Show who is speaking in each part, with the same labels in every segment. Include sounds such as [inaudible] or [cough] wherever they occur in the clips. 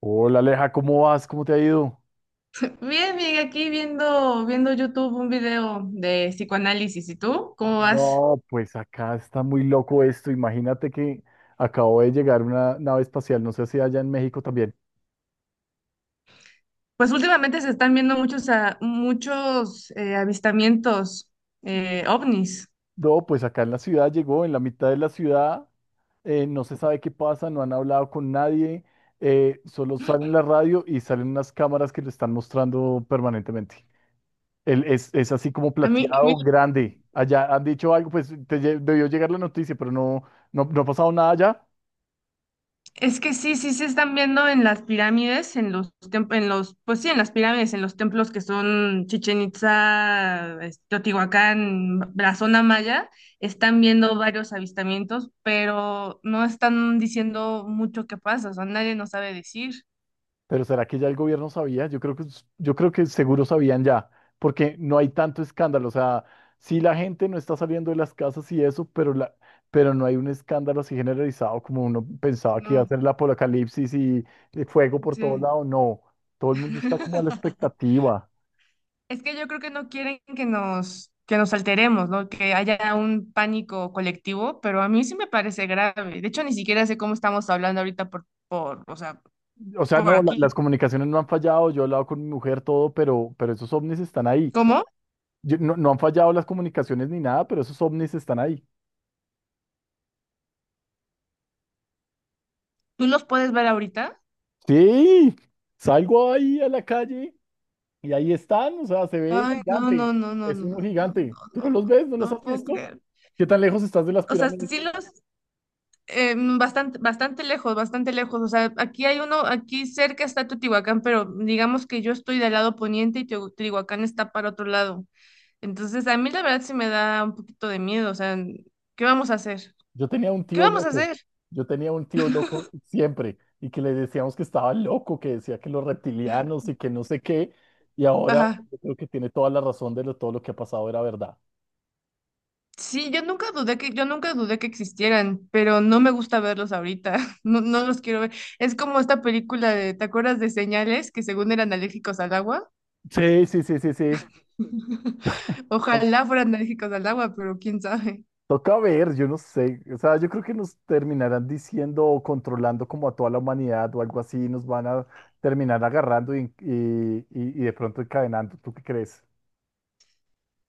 Speaker 1: Hola Aleja, ¿cómo vas? ¿Cómo te ha ido?
Speaker 2: Bien, bien, aquí viendo, YouTube un video de psicoanálisis. ¿Y tú? ¿Cómo vas?
Speaker 1: No, pues acá está muy loco esto. Imagínate que acabó de llegar una nave espacial, no sé si allá en México también.
Speaker 2: Pues últimamente se están viendo muchos, muchos avistamientos ovnis.
Speaker 1: No, pues acá en la ciudad llegó, en la mitad de la ciudad, no se sabe qué pasa, no han hablado con nadie, solo salen la radio y salen unas cámaras que lo están mostrando permanentemente. Él es así como
Speaker 2: A mí, a mí-
Speaker 1: plateado, grande. Allá han dicho algo, pues debió llegar la noticia, pero no, no ha pasado nada allá.
Speaker 2: es que sí, sí se están viendo en las pirámides, en los, pues sí, en las pirámides, en los templos que son Chichen Itza, este, Teotihuacán, la zona maya, están viendo varios avistamientos, pero no están diciendo mucho qué pasa, o sea, nadie nos sabe decir.
Speaker 1: Pero ¿será que ya el gobierno sabía? Yo creo que seguro sabían ya, porque no hay tanto escándalo. O sea, sí la gente no está saliendo de las casas y eso, pero no hay un escándalo así generalizado como uno pensaba que iba a
Speaker 2: No,
Speaker 1: ser el apocalipsis y el fuego por todo
Speaker 2: sí.
Speaker 1: lado. No, todo el mundo está como a la
Speaker 2: [laughs]
Speaker 1: expectativa.
Speaker 2: Es que yo creo que no quieren que nos alteremos, ¿no? Que haya un pánico colectivo, pero a mí sí me parece grave. De hecho, ni siquiera sé cómo estamos hablando ahorita o sea,
Speaker 1: O sea,
Speaker 2: por
Speaker 1: no, las
Speaker 2: aquí.
Speaker 1: comunicaciones no han fallado. Yo he hablado con mi mujer, todo, pero esos ovnis están ahí.
Speaker 2: ¿Cómo?
Speaker 1: No, no han fallado las comunicaciones ni nada, pero esos ovnis están ahí.
Speaker 2: ¿Tú los puedes ver ahorita?
Speaker 1: Sí, salgo ahí a la calle. Y ahí están, o sea, se ve
Speaker 2: Ay, no,
Speaker 1: gigante.
Speaker 2: no, no, no,
Speaker 1: Es
Speaker 2: no,
Speaker 1: uno
Speaker 2: no,
Speaker 1: gigante.
Speaker 2: no,
Speaker 1: ¿Tú no
Speaker 2: no,
Speaker 1: los ves? ¿No los
Speaker 2: no
Speaker 1: has
Speaker 2: puedo
Speaker 1: visto?
Speaker 2: creer.
Speaker 1: ¿Qué tan lejos estás de las
Speaker 2: O sea,
Speaker 1: pirámides?
Speaker 2: bastante, bastante lejos, bastante lejos. O sea, aquí hay uno, aquí cerca está Teotihuacán, pero digamos que yo estoy del lado poniente y Teotihuacán está para otro lado. Entonces, a mí la verdad sí me da un poquito de miedo, o sea, ¿qué vamos a hacer?
Speaker 1: Yo tenía un
Speaker 2: ¿Qué
Speaker 1: tío
Speaker 2: vamos a
Speaker 1: loco.
Speaker 2: hacer?
Speaker 1: Yo tenía un tío loco siempre y que le decíamos que estaba loco, que decía que los reptilianos y que no sé qué. Y ahora
Speaker 2: Ajá.
Speaker 1: yo creo que tiene toda la razón todo lo que ha pasado era verdad.
Speaker 2: Sí, yo nunca dudé que existieran, pero no me gusta verlos ahorita. [laughs] No, no los quiero ver. Es como esta película de, ¿te acuerdas de Señales? Que según eran alérgicos al agua.
Speaker 1: Sí, sí, sí, sí, sí.
Speaker 2: [laughs] Ojalá fueran alérgicos al agua, pero quién sabe.
Speaker 1: Toca ver, yo no sé, o sea, yo creo que nos terminarán diciendo o controlando como a toda la humanidad o algo así, nos van a terminar agarrando y de pronto encadenando. ¿Tú qué crees?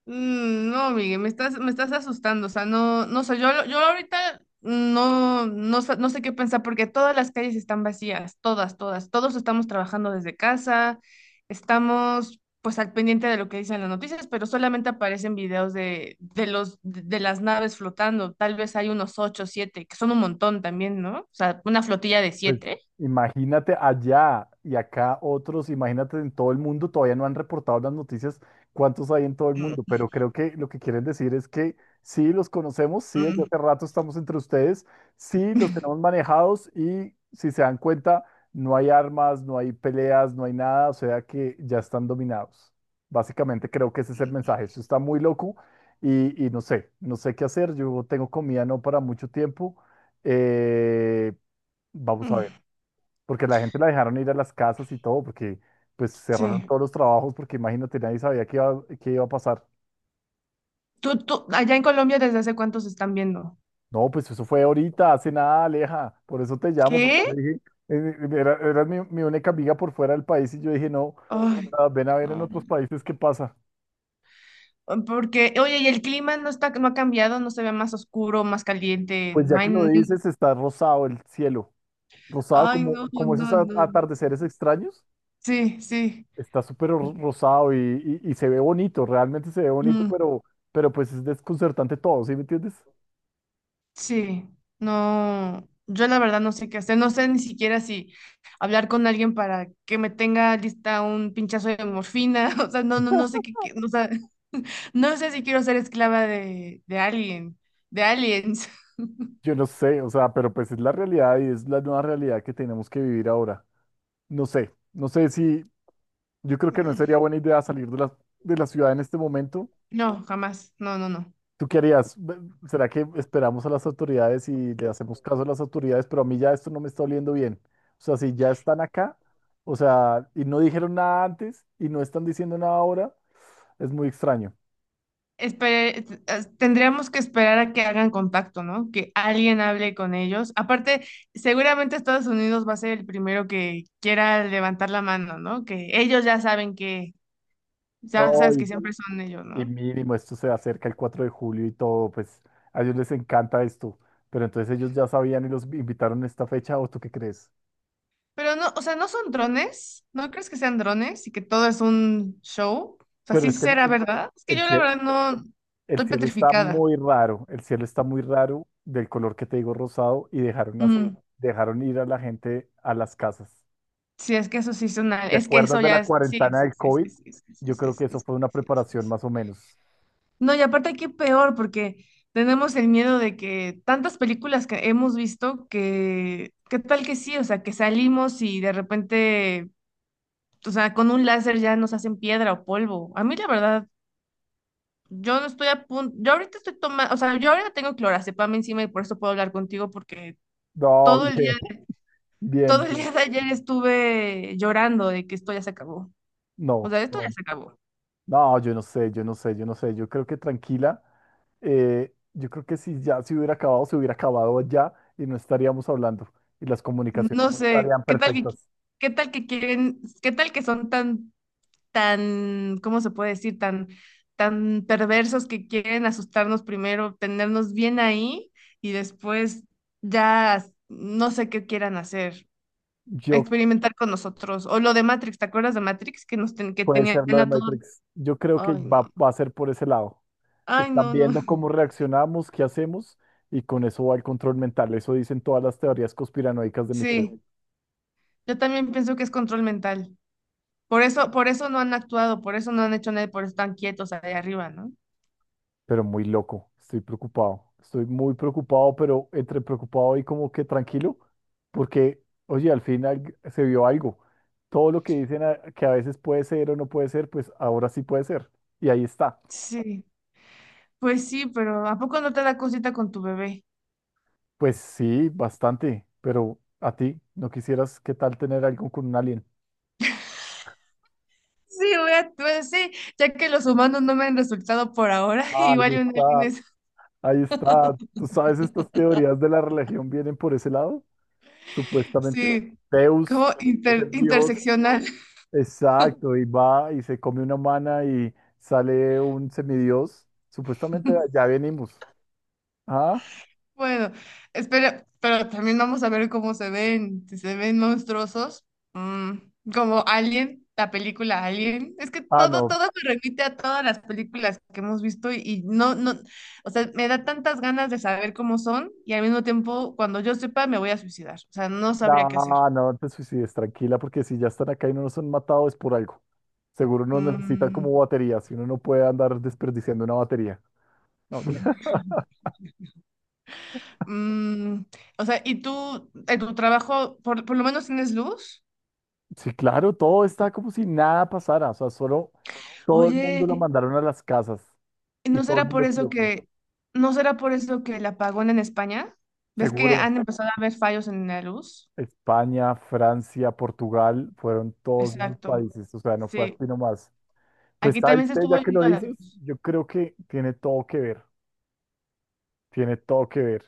Speaker 2: Mm, no, Miguel, me estás asustando, o sea, no, no sé, yo ahorita no sé qué pensar porque todas las calles están vacías, todas, todas, todos estamos trabajando desde casa, estamos pues al pendiente de lo que dicen las noticias, pero solamente aparecen videos de las naves flotando, tal vez hay unos ocho, siete, que son un montón también, ¿no? O sea, una flotilla de
Speaker 1: Pues
Speaker 2: siete.
Speaker 1: imagínate allá y acá otros, imagínate en todo el mundo, todavía no han reportado las noticias cuántos hay en todo el mundo, pero creo que lo que quieren decir es que sí los conocemos, sí desde hace rato estamos entre ustedes, sí los tenemos manejados y si se dan cuenta, no hay armas, no hay peleas, no hay nada, o sea que ya están dominados. Básicamente creo que ese es el mensaje, eso está muy loco y, no sé, no sé qué hacer, yo tengo comida no para mucho tiempo. Eh, Vamos a
Speaker 2: Mm,
Speaker 1: ver porque la gente la dejaron ir a las casas y todo, porque pues cerraron
Speaker 2: sí.
Speaker 1: todos los trabajos, porque imagínate, nadie sabía qué iba a pasar.
Speaker 2: Allá en Colombia, ¿desde hace cuántos están viendo?
Speaker 1: No, pues eso fue ahorita, hace nada, Aleja, por eso te llamo, porque yo
Speaker 2: ¿Qué?
Speaker 1: dije, era mi, mi única amiga por fuera del país y yo dije, no,
Speaker 2: Ay,
Speaker 1: ah, ven a ver en
Speaker 2: no.
Speaker 1: otros países qué pasa.
Speaker 2: Porque, oye, y el clima no está, no ha cambiado, no se ve más oscuro, más caliente,
Speaker 1: Pues ya
Speaker 2: no hay,
Speaker 1: que lo dices, está rosado el cielo, rosado
Speaker 2: ay,
Speaker 1: como,
Speaker 2: no, no,
Speaker 1: como esos
Speaker 2: no, no, no.
Speaker 1: atardeceres extraños,
Speaker 2: Sí, sí,
Speaker 1: está súper rosado y, y se ve bonito, realmente se ve bonito,
Speaker 2: mm,
Speaker 1: pero pues es desconcertante todo, ¿sí me entiendes?
Speaker 2: sí, no, yo la verdad no sé qué hacer, no sé ni siquiera si hablar con alguien para que me tenga lista un pinchazo de morfina, [laughs] o sea, no, no, o sea, no sé si quiero ser esclava de alguien, de aliens. [laughs]
Speaker 1: Yo no sé, o sea, pero pues es la realidad y es la nueva realidad que tenemos que vivir ahora. No sé, yo creo que no
Speaker 2: Mm,
Speaker 1: sería buena idea salir de la ciudad en este momento.
Speaker 2: no, jamás, no, no, no.
Speaker 1: ¿Tú qué harías? ¿Será que esperamos a las autoridades y le hacemos caso a las autoridades? Pero a mí ya esto no me está oliendo bien. O sea, si ya están acá, o sea, y no dijeron nada antes y no están diciendo nada ahora, es muy extraño.
Speaker 2: Tendríamos que esperar a que hagan contacto, ¿no? Que alguien hable con ellos. Aparte, seguramente Estados Unidos va a ser el primero que quiera levantar la mano, ¿no? Que ellos ya saben que, ya sabes que
Speaker 1: Ay,
Speaker 2: siempre son ellos,
Speaker 1: y
Speaker 2: ¿no?
Speaker 1: mínimo, esto se acerca el 4 de julio y todo, pues a ellos les encanta esto. Pero entonces ellos ya sabían y los invitaron a esta fecha, ¿o tú qué crees?
Speaker 2: Pero no, o sea, ¿no son drones? ¿No crees que sean drones y que todo es un show? O sea,
Speaker 1: Pero
Speaker 2: sí
Speaker 1: es que
Speaker 2: será verdad. Es que
Speaker 1: el
Speaker 2: yo la
Speaker 1: cie-
Speaker 2: verdad no
Speaker 1: el
Speaker 2: estoy
Speaker 1: cielo está
Speaker 2: petrificada.
Speaker 1: muy raro, el cielo está muy raro del color que te digo rosado y dejaron, las
Speaker 2: Mm,
Speaker 1: dejaron ir a la gente a las casas.
Speaker 2: sí,
Speaker 1: ¿Te
Speaker 2: es que
Speaker 1: acuerdas
Speaker 2: eso
Speaker 1: de
Speaker 2: ya
Speaker 1: la
Speaker 2: es, sí,
Speaker 1: cuarentena
Speaker 2: sí,
Speaker 1: del
Speaker 2: sí,
Speaker 1: COVID?
Speaker 2: sí, sí, sí, sí,
Speaker 1: Yo
Speaker 2: sí,
Speaker 1: creo que eso fue una
Speaker 2: sí, sí, sí,
Speaker 1: preparación
Speaker 2: sí.
Speaker 1: más o menos.
Speaker 2: No, y aparte aquí peor, porque tenemos el miedo de que tantas películas que hemos visto que, ¿qué tal que sí? O sea, que salimos y de repente, o sea, con un láser ya nos hacen piedra o polvo. A mí la verdad, yo no estoy a punto, yo ahorita estoy tomando, o sea, yo ahora tengo clorazepam encima y por eso puedo hablar contigo porque
Speaker 1: No, [laughs]
Speaker 2: todo el día,
Speaker 1: bien,
Speaker 2: todo
Speaker 1: bien,
Speaker 2: el
Speaker 1: bien.
Speaker 2: día de ayer estuve llorando de que esto ya se acabó. O
Speaker 1: No,
Speaker 2: sea, esto ya
Speaker 1: no.
Speaker 2: se acabó.
Speaker 1: No, yo no sé, yo no sé, yo no sé. Yo creo que tranquila. Yo creo que si ya se hubiera acabado ya y no estaríamos hablando y las comunicaciones
Speaker 2: No
Speaker 1: no
Speaker 2: sé,
Speaker 1: estarían perfectas.
Speaker 2: ¿qué tal que son tan ¿cómo se puede decir? Tan, tan perversos que quieren asustarnos primero, tenernos bien ahí y después ya no sé qué quieran hacer,
Speaker 1: Yo
Speaker 2: experimentar con nosotros. O lo de Matrix, ¿te acuerdas de Matrix? Que
Speaker 1: puede
Speaker 2: tenían
Speaker 1: ser lo de
Speaker 2: a todos.
Speaker 1: Matrix. Yo creo que
Speaker 2: Ay, no,
Speaker 1: va a ser por ese lado.
Speaker 2: ay,
Speaker 1: Están
Speaker 2: no, no.
Speaker 1: viendo cómo
Speaker 2: [laughs]
Speaker 1: reaccionamos, qué hacemos y con eso va el control mental. Eso dicen todas las teorías conspiranoicas de mi tío.
Speaker 2: Sí, yo también pienso que es control mental. Por eso no han actuado, por eso no han hecho nada, y por eso están quietos ahí arriba, ¿no?
Speaker 1: Pero muy loco. Estoy preocupado. Estoy muy preocupado, pero entre preocupado y como que tranquilo, porque, oye, al final se vio algo. Todo lo que dicen que a veces puede ser o no puede ser, pues ahora sí puede ser. Y ahí está.
Speaker 2: Sí, pues sí, pero ¿a poco no te da cosita con tu bebé?
Speaker 1: Pues sí, bastante, pero a ti, ¿no quisieras qué tal tener algo con un alien?
Speaker 2: Sí, voy a, pues sí, ya que los humanos no me han resultado por ahora, [laughs]
Speaker 1: Ah, ahí
Speaker 2: igual y un alien
Speaker 1: está,
Speaker 2: es,
Speaker 1: ahí está. ¿Tú sabes estas teorías de la religión vienen por ese lado? Supuestamente,
Speaker 2: sí,
Speaker 1: Zeus
Speaker 2: como
Speaker 1: es el dios.
Speaker 2: interseccional. [laughs]
Speaker 1: Exacto, y va y se come una humana y sale un semidios. Supuestamente de allá venimos. Ah,
Speaker 2: Bueno, espera, pero también vamos a ver cómo se ven, si se ven monstruosos, mm, como Alien, la película Alien. Es que
Speaker 1: ah,
Speaker 2: todo,
Speaker 1: no,
Speaker 2: todo se remite a todas las películas que hemos visto y no, no, o sea, me da tantas ganas de saber cómo son y al mismo tiempo, cuando yo sepa, me voy a suicidar, o sea, no sabría qué hacer.
Speaker 1: no no te suicides, tranquila, porque si ya están acá y no nos han matado es por algo. Seguro nos necesitan como
Speaker 2: Mm.
Speaker 1: batería, si uno no puede andar desperdiciando una batería. No, mira. [laughs]
Speaker 2: Mm, o sea, ¿y tú en tu trabajo por lo menos tienes luz?
Speaker 1: Sí, claro, todo está como si nada pasara, o sea, solo todo el mundo
Speaker 2: Oye,
Speaker 1: lo mandaron a las casas
Speaker 2: ¿y
Speaker 1: y
Speaker 2: ¿no
Speaker 1: todo el
Speaker 2: será por
Speaker 1: mundo
Speaker 2: eso
Speaker 1: quieto,
Speaker 2: que, ¿no será por eso que el apagón en España? ¿Ves que
Speaker 1: seguro.
Speaker 2: han empezado a haber fallos en la luz?
Speaker 1: España, Francia, Portugal, fueron todos esos
Speaker 2: Exacto.
Speaker 1: países, o sea, no fue
Speaker 2: Sí,
Speaker 1: aquí nomás. Pues,
Speaker 2: aquí
Speaker 1: ¿sabes
Speaker 2: también se
Speaker 1: qué? Ya
Speaker 2: estuvo
Speaker 1: que lo
Speaker 2: yendo la
Speaker 1: dices,
Speaker 2: luz.
Speaker 1: yo creo que tiene todo que ver, tiene todo que ver.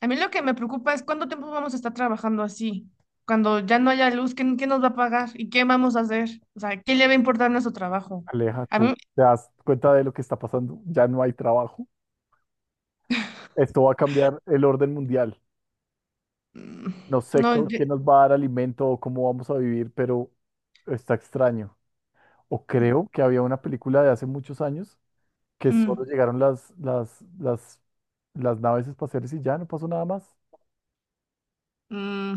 Speaker 2: A mí lo que me preocupa es cuánto tiempo vamos a estar trabajando así. Cuando ya no haya luz, ¿quién, quién nos va a pagar? ¿Y qué vamos a hacer? O sea, ¿quién le va a importar nuestro trabajo? A
Speaker 1: Aléjate,
Speaker 2: mí,
Speaker 1: te das cuenta de lo que está pasando, ya no hay trabajo. Esto va a cambiar el orden mundial.
Speaker 2: mm,
Speaker 1: No sé
Speaker 2: no,
Speaker 1: co-
Speaker 2: yo-
Speaker 1: Quién nos va a dar alimento o cómo vamos a vivir, pero está extraño. O creo que había una película de hace muchos años que
Speaker 2: mm,
Speaker 1: solo llegaron las naves espaciales y ya no pasó nada más.
Speaker 2: mm.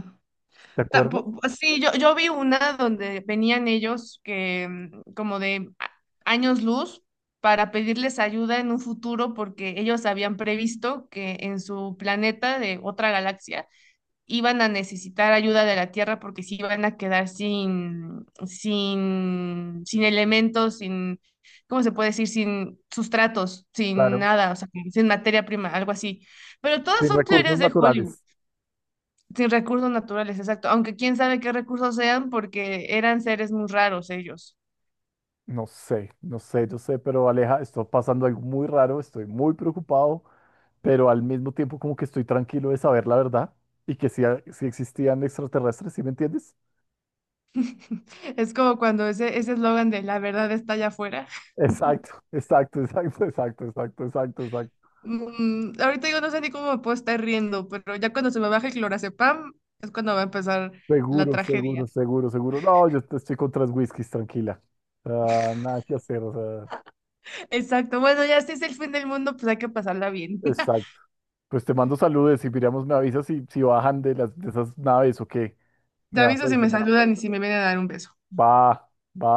Speaker 1: ¿Te acuerdas?
Speaker 2: Pues sí, yo vi una donde venían ellos que mm, años luz para pedirles ayuda en un futuro porque ellos habían previsto que en su planeta de otra galaxia iban a necesitar ayuda de la Tierra porque se iban a quedar sin elementos, sin, ¿cómo se puede decir? Sin sustratos, sin
Speaker 1: Claro.
Speaker 2: nada, o sea, sin materia prima, algo así. Pero todas
Speaker 1: Sin
Speaker 2: son
Speaker 1: recursos
Speaker 2: teorías de Hollywood
Speaker 1: naturales.
Speaker 2: sin recursos naturales, exacto. Aunque quién sabe qué recursos sean, porque eran seres muy raros ellos.
Speaker 1: No sé, no sé, yo sé, pero Aleja, está pasando algo muy raro, estoy muy preocupado, pero al mismo tiempo como que estoy tranquilo de saber la verdad y que sí, sí existían extraterrestres, ¿sí me entiendes?
Speaker 2: [laughs] Es como cuando ese eslogan de la verdad está allá afuera.
Speaker 1: Exacto, [laughs] exacto, exacto, exacto, exacto, exacto, exacto.
Speaker 2: Mm, ahorita yo no sé ni cómo me puedo estar riendo, pero ya cuando se me baje el clorazepam es cuando va a empezar la
Speaker 1: Seguro,
Speaker 2: tragedia.
Speaker 1: seguro, seguro, seguro. No, yo te estoy con 3 whiskies, tranquila. Ah, nada que hacer, o sea,
Speaker 2: Exacto. Bueno, ya si es el fin del mundo, pues hay que pasarla bien. [laughs]
Speaker 1: exacto. Pues te mando saludos y miramos, me avisas si, si bajan de las de esas naves o qué. Me
Speaker 2: Te
Speaker 1: vas a
Speaker 2: aviso si
Speaker 1: avisar.
Speaker 2: me saludan y si me vienen a dar un beso.
Speaker 1: Va, va,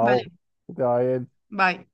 Speaker 2: Vale,
Speaker 1: Que te va bien.
Speaker 2: bye.